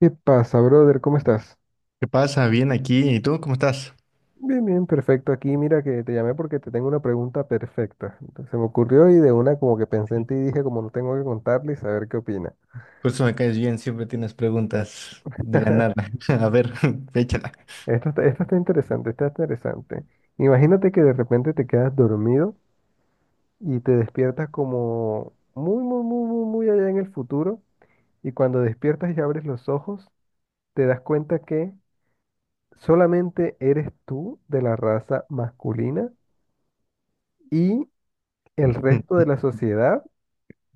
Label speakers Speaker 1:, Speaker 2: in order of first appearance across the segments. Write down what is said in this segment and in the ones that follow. Speaker 1: ¿Qué pasa, brother? ¿Cómo estás?
Speaker 2: ¿Qué pasa? Bien aquí. ¿Y tú cómo estás?
Speaker 1: Bien, bien, perfecto. Aquí mira que te llamé porque te tengo una pregunta perfecta. Entonces, se me ocurrió y de una como que pensé en ti y dije como no tengo que contarle y saber qué opina.
Speaker 2: Por eso me caes bien, siempre tienes preguntas de la nada. A ver, échala.
Speaker 1: Esto está interesante, está interesante. Imagínate que de repente te quedas dormido y te despiertas como muy, muy, muy, muy, muy allá en el futuro y cuando despiertas y abres los ojos, te das cuenta que solamente eres tú de la raza masculina y el resto de la sociedad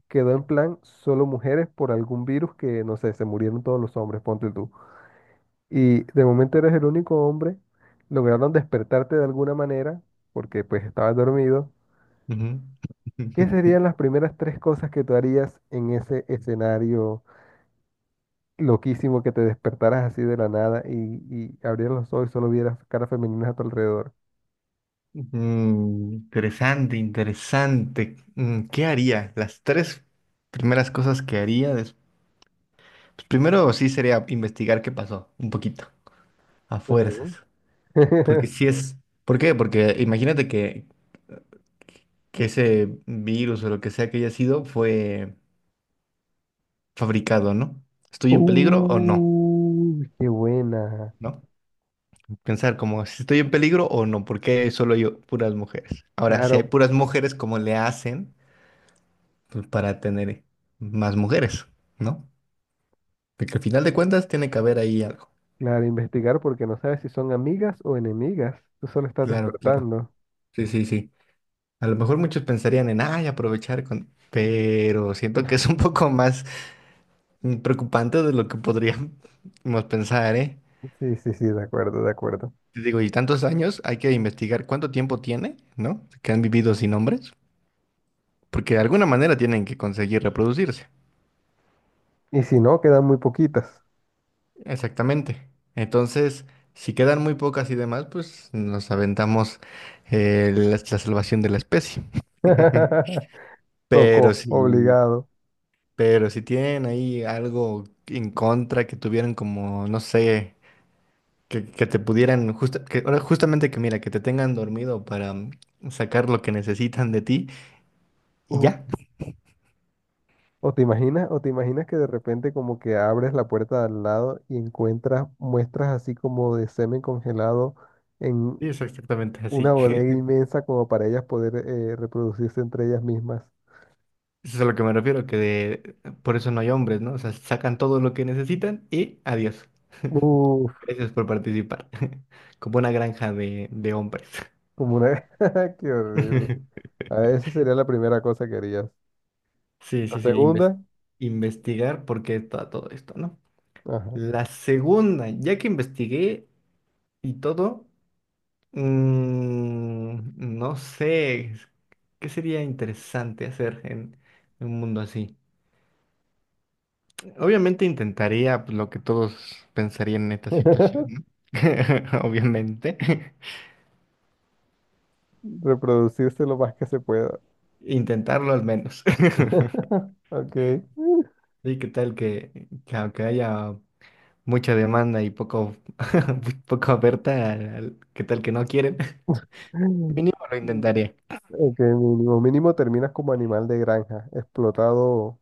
Speaker 1: quedó en plan solo mujeres por algún virus que, no sé, se murieron todos los hombres, ponte tú. Y de momento eres el único hombre, lograron despertarte de alguna manera, porque pues estabas dormido.
Speaker 2: Ujú.
Speaker 1: ¿Qué serían las primeras tres cosas que tú harías en ese escenario loquísimo que te despertaras así de la nada y abrieras los ojos y solo vieras caras femeninas a tu alrededor?
Speaker 2: Interesante, interesante. ¿Qué haría? Las tres primeras cosas que haría. Pues primero sí sería investigar qué pasó, un poquito, a
Speaker 1: Ok.
Speaker 2: fuerzas. Porque si es... ¿Por qué? Porque imagínate que ese virus o lo que sea que haya sido fue fabricado, ¿no? ¿Estoy en peligro o no?
Speaker 1: Qué buena.
Speaker 2: ¿No? Pensar como si estoy en peligro o no, porque solo yo, puras mujeres. Ahora, si hay
Speaker 1: Claro,
Speaker 2: puras mujeres, ¿cómo le hacen pues, para tener más mujeres? ¿No? Porque al final de cuentas tiene que haber ahí algo.
Speaker 1: Claro, investigar porque no sabes si son amigas o enemigas. Tú solo estás
Speaker 2: Claro, claro.
Speaker 1: despertando.
Speaker 2: Sí, sí, sí. A lo mejor muchos pensarían en, ay, aprovechar con... Pero siento que es un poco más preocupante de lo que podríamos pensar, ¿eh?
Speaker 1: Sí, sí, sí, de acuerdo, de acuerdo.
Speaker 2: Te digo, y tantos años, hay que investigar cuánto tiempo tiene, ¿no? Que han vivido sin hombres, porque de alguna manera tienen que conseguir reproducirse.
Speaker 1: Y si no, quedan muy poquitas.
Speaker 2: Exactamente. Entonces, si quedan muy pocas y demás, pues nos aventamos la salvación de la especie. Pero
Speaker 1: Tocó,
Speaker 2: si,
Speaker 1: obligado.
Speaker 2: pero si tienen ahí algo en contra que tuvieran como, no sé, que te pudieran, ahora justamente que mira, que te tengan dormido para sacar lo que necesitan de ti y
Speaker 1: Uh,
Speaker 2: ya.
Speaker 1: O te imaginas, o te imaginas que de repente como que abres la puerta de al lado y encuentras muestras así como de semen congelado en
Speaker 2: Sí, es exactamente
Speaker 1: una
Speaker 2: así.
Speaker 1: bodega inmensa como para ellas poder reproducirse entre ellas mismas.
Speaker 2: Eso es a lo que me refiero, que por eso no hay hombres, ¿no? O sea, sacan todo lo que necesitan y adiós.
Speaker 1: Uf,
Speaker 2: Gracias por participar. Como una granja de hombres.
Speaker 1: como una... Qué horrible. A esa sería la primera cosa que harías.
Speaker 2: Sí,
Speaker 1: La
Speaker 2: sí, sí,
Speaker 1: segunda,
Speaker 2: investigar por qué está todo esto, ¿no?
Speaker 1: ajá.
Speaker 2: La segunda, ya que investigué y todo, no sé, ¿qué sería interesante hacer en un mundo así? Obviamente intentaría pues, lo que todos pensarían en esta situación, ¿no? Obviamente.
Speaker 1: Reproducirse lo más que se pueda.
Speaker 2: Intentarlo al menos.
Speaker 1: Ok.
Speaker 2: Sí, qué tal que aunque haya mucha demanda y poco, poco oferta, qué tal que no quieren. Mínimo lo intentaría.
Speaker 1: Ok, mínimo. Mínimo terminas como animal de granja, explotado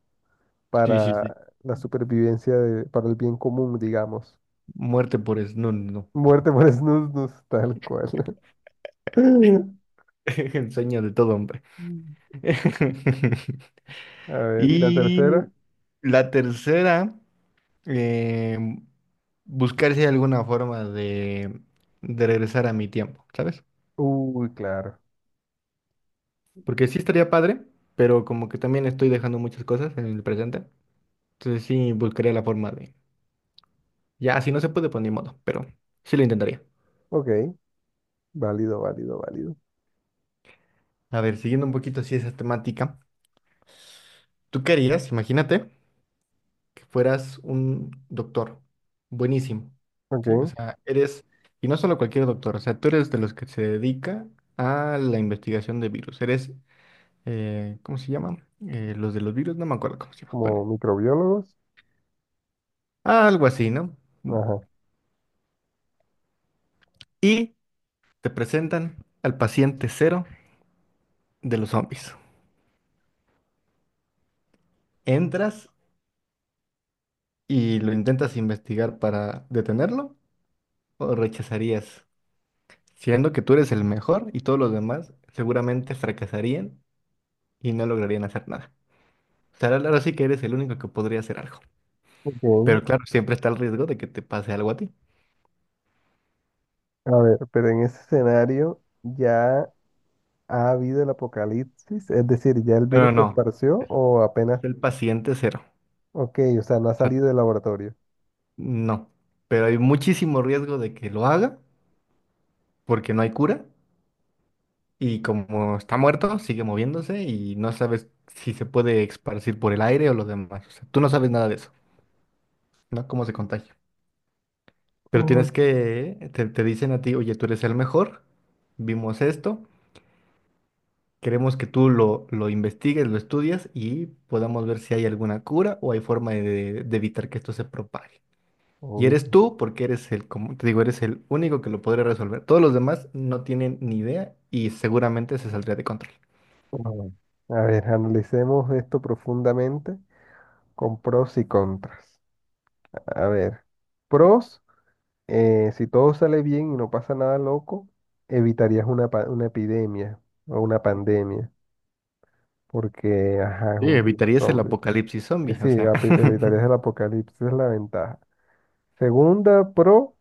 Speaker 2: Sí, sí,
Speaker 1: para
Speaker 2: sí.
Speaker 1: la supervivencia, de- para el bien común, digamos.
Speaker 2: Muerte por snus, no.
Speaker 1: Muerte por snus, tal cual.
Speaker 2: El sueño de todo hombre.
Speaker 1: A ver, ¿y la tercera?
Speaker 2: Y la tercera. eh, buscar si hay alguna forma de regresar a mi tiempo, ¿sabes?
Speaker 1: Uy, claro.
Speaker 2: Porque sí estaría padre, pero como que también estoy dejando muchas cosas en el presente. Entonces sí buscaría la forma de... Ya, si no se puede, pues ni modo, pero sí lo intentaría.
Speaker 1: Ok, válido, válido, válido.
Speaker 2: A ver, siguiendo un poquito así esa temática, ¿tú qué harías? Imagínate que fueras un doctor, buenísimo, ¿sí? O
Speaker 1: Ok,
Speaker 2: sea, eres, y no solo cualquier doctor, o sea, tú eres de los que se dedica a la investigación de virus, eres ¿cómo se llama? Los de los virus, no me acuerdo cómo se llama. Bueno,
Speaker 1: como microbiólogos.
Speaker 2: algo así, ¿no?
Speaker 1: Ajá.
Speaker 2: Y te presentan al paciente cero de los zombies. ¿Entras y lo intentas investigar para detenerlo o rechazarías? Siendo que tú eres el mejor y todos los demás seguramente fracasarían y no lograrían hacer nada. O sea, ahora sí que eres el único que podría hacer algo.
Speaker 1: Ok.
Speaker 2: Pero claro, siempre está el riesgo de que te pase algo a ti.
Speaker 1: A ver, pero en ese escenario ya ha habido el apocalipsis, es decir, ya el
Speaker 2: No, no,
Speaker 1: virus se
Speaker 2: no,
Speaker 1: esparció o apenas,
Speaker 2: es el paciente cero.
Speaker 1: ok, o sea, no ha salido del laboratorio.
Speaker 2: No, pero hay muchísimo riesgo de que lo haga porque no hay cura y como está muerto, sigue moviéndose y no sabes si se puede esparcir por el aire o lo demás. O sea, tú no sabes nada de eso, ¿no? Cómo se contagia. Pero tienes
Speaker 1: Uy.
Speaker 2: que, te dicen a ti, oye, tú eres el mejor, vimos esto, queremos que tú lo investigues, lo estudias y podamos ver si hay alguna cura o hay forma de evitar que esto se propague. Y
Speaker 1: Uy,
Speaker 2: eres tú porque eres el, como te digo, eres el único que lo podría resolver. Todos los demás no tienen ni idea y seguramente se saldría de control.
Speaker 1: uy. A ver, analicemos esto profundamente con pros y contras. A ver, pros, si todo sale bien y no pasa nada loco, evitarías una, pa- una epidemia o una pandemia, porque, ajá, es
Speaker 2: Sí,
Speaker 1: un virus
Speaker 2: evitarías el
Speaker 1: zombie.
Speaker 2: apocalipsis zombie,
Speaker 1: Sí,
Speaker 2: o sea.
Speaker 1: api- evitarías el apocalipsis, es la ventaja. Segunda pro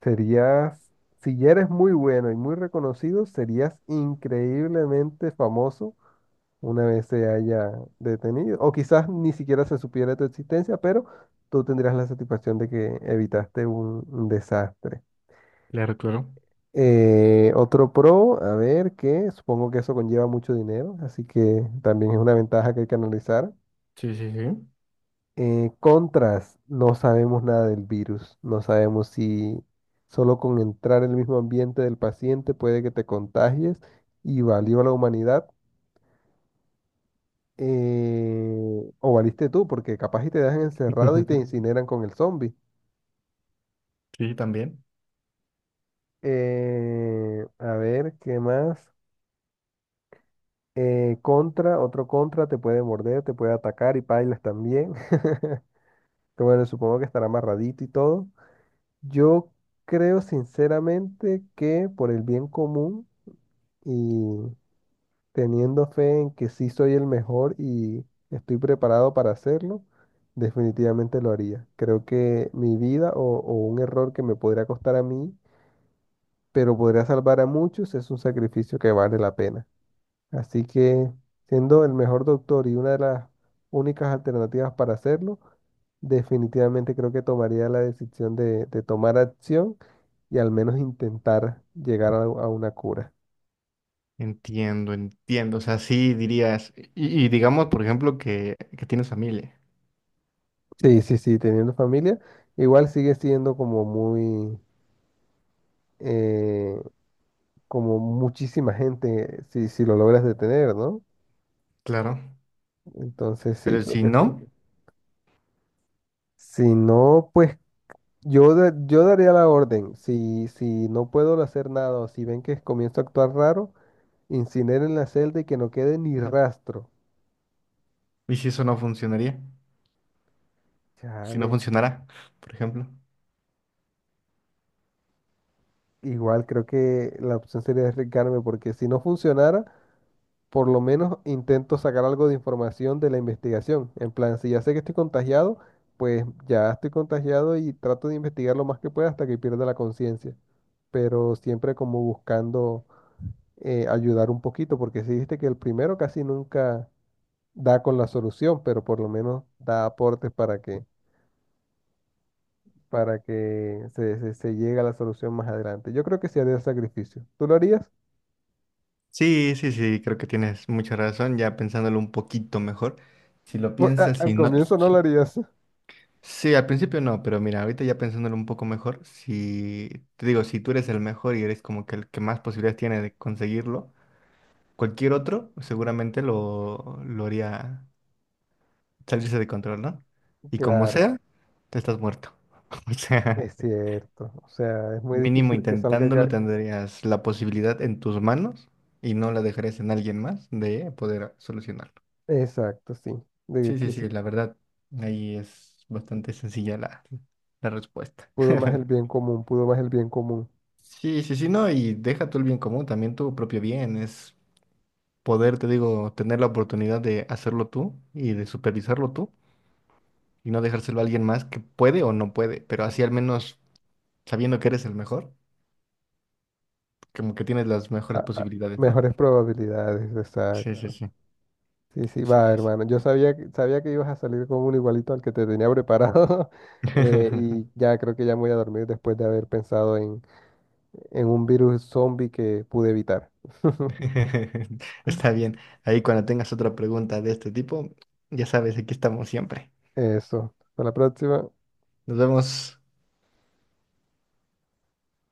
Speaker 1: serías, si ya eres muy bueno y muy reconocido, serías increíblemente famoso una vez se haya detenido. O quizás ni siquiera se supiera tu existencia, pero tú tendrías la satisfacción de que evitaste un desastre.
Speaker 2: Claro, claro.
Speaker 1: Otro pro, a ver, que supongo que eso conlleva mucho dinero, así que también es una ventaja que hay que analizar.
Speaker 2: Sí, sí, sí.
Speaker 1: Contras, no sabemos nada del virus, no sabemos si solo con entrar en el mismo ambiente del paciente puede que te contagies y valió la humanidad o valiste tú, porque capaz y te dejan encerrado y te incineran con el zombie.
Speaker 2: Sí, también.
Speaker 1: A ver, ¿qué más? Contra, otro contra, te puede morder, te puede atacar y pailas también. Que bueno, supongo que estará amarradito y todo. Yo creo sinceramente que por el bien común y teniendo fe en que sí soy el mejor y estoy preparado para hacerlo, definitivamente lo haría. Creo que mi vida o un error que me podría costar a mí, pero podría salvar a muchos, es un sacrificio que vale la pena. Así que, siendo el mejor doctor y una de las únicas alternativas para hacerlo, definitivamente creo que tomaría la decisión de tomar acción y al menos intentar llegar a una cura.
Speaker 2: Entiendo, entiendo. O sea, sí dirías, y digamos, por ejemplo, que tienes familia.
Speaker 1: Sí, sí, sí, teniendo familia, igual sigue siendo como muy, eh, como muchísima gente si, si lo logras detener, ¿no?
Speaker 2: Claro.
Speaker 1: Entonces sí,
Speaker 2: Pero
Speaker 1: creo
Speaker 2: si
Speaker 1: que sí.
Speaker 2: no,
Speaker 1: Si no, pues yo, da- yo daría la orden, si, si no puedo hacer nada o si ven que comienzo a actuar raro, incineren la celda y que no quede ni rastro.
Speaker 2: ¿y si eso no funcionaría? Si no
Speaker 1: Chale,
Speaker 2: funcionará, por ejemplo.
Speaker 1: igual creo que la opción sería arriesgarme porque si no funcionara, por lo menos intento sacar algo de información de la investigación. En plan, si ya sé que estoy contagiado, pues ya estoy contagiado y trato de investigar lo más que pueda hasta que pierda la conciencia, pero siempre como buscando ayudar un poquito, porque si viste que el primero casi nunca da con la solución, pero por lo menos da aportes para que, para que se llegue a la solución más adelante. Yo creo que sí haría el sacrificio. ¿Tú lo harías?
Speaker 2: Sí, sí, sí, creo que tienes mucha razón, ya pensándolo un poquito mejor. Si lo
Speaker 1: Pues, a-
Speaker 2: piensas,
Speaker 1: al
Speaker 2: si no,
Speaker 1: comienzo no lo
Speaker 2: sí,
Speaker 1: harías.
Speaker 2: sí, al principio no, pero mira, ahorita ya pensándolo un poco mejor, si te digo, si tú eres el mejor y eres como que el que más posibilidades tiene de conseguirlo, cualquier otro seguramente lo haría salirse de control, ¿no? Y como
Speaker 1: Claro,
Speaker 2: sea, te estás muerto. O sea,
Speaker 1: es cierto. O sea, es muy
Speaker 2: mínimo
Speaker 1: difícil que salga...
Speaker 2: intentándolo
Speaker 1: ga-
Speaker 2: tendrías la posibilidad en tus manos y no la dejarías en alguien más de poder solucionarlo.
Speaker 1: Exacto, sí. De
Speaker 2: Sí, sí,
Speaker 1: que se
Speaker 2: sí, la verdad, ahí es bastante sencilla la respuesta.
Speaker 1: pudo más el bien común, pudo más el bien común.
Speaker 2: Sí, sí, sí, no, y deja tú el bien común, también tu propio bien, es poder, te digo, tener la oportunidad de hacerlo tú y de supervisarlo tú y no dejárselo a alguien más que puede o no puede, pero así al menos sabiendo que eres el mejor, como que tienes las mejores
Speaker 1: A-
Speaker 2: posibilidades, ¿no?
Speaker 1: mejores probabilidades,
Speaker 2: Sí,
Speaker 1: exacto.
Speaker 2: sí, claro.
Speaker 1: Sí, sí,
Speaker 2: Sí. Sí,
Speaker 1: va,
Speaker 2: sí, sí.
Speaker 1: hermano. Yo sabía que ibas a salir con un igualito al que te tenía preparado. Eh, y ya creo que ya me voy a dormir después de haber pensado en un virus zombie que pude evitar.
Speaker 2: Está bien, ahí cuando tengas otra pregunta de este tipo, ya sabes, aquí estamos siempre.
Speaker 1: Eso. Hasta la próxima.
Speaker 2: Nos vemos.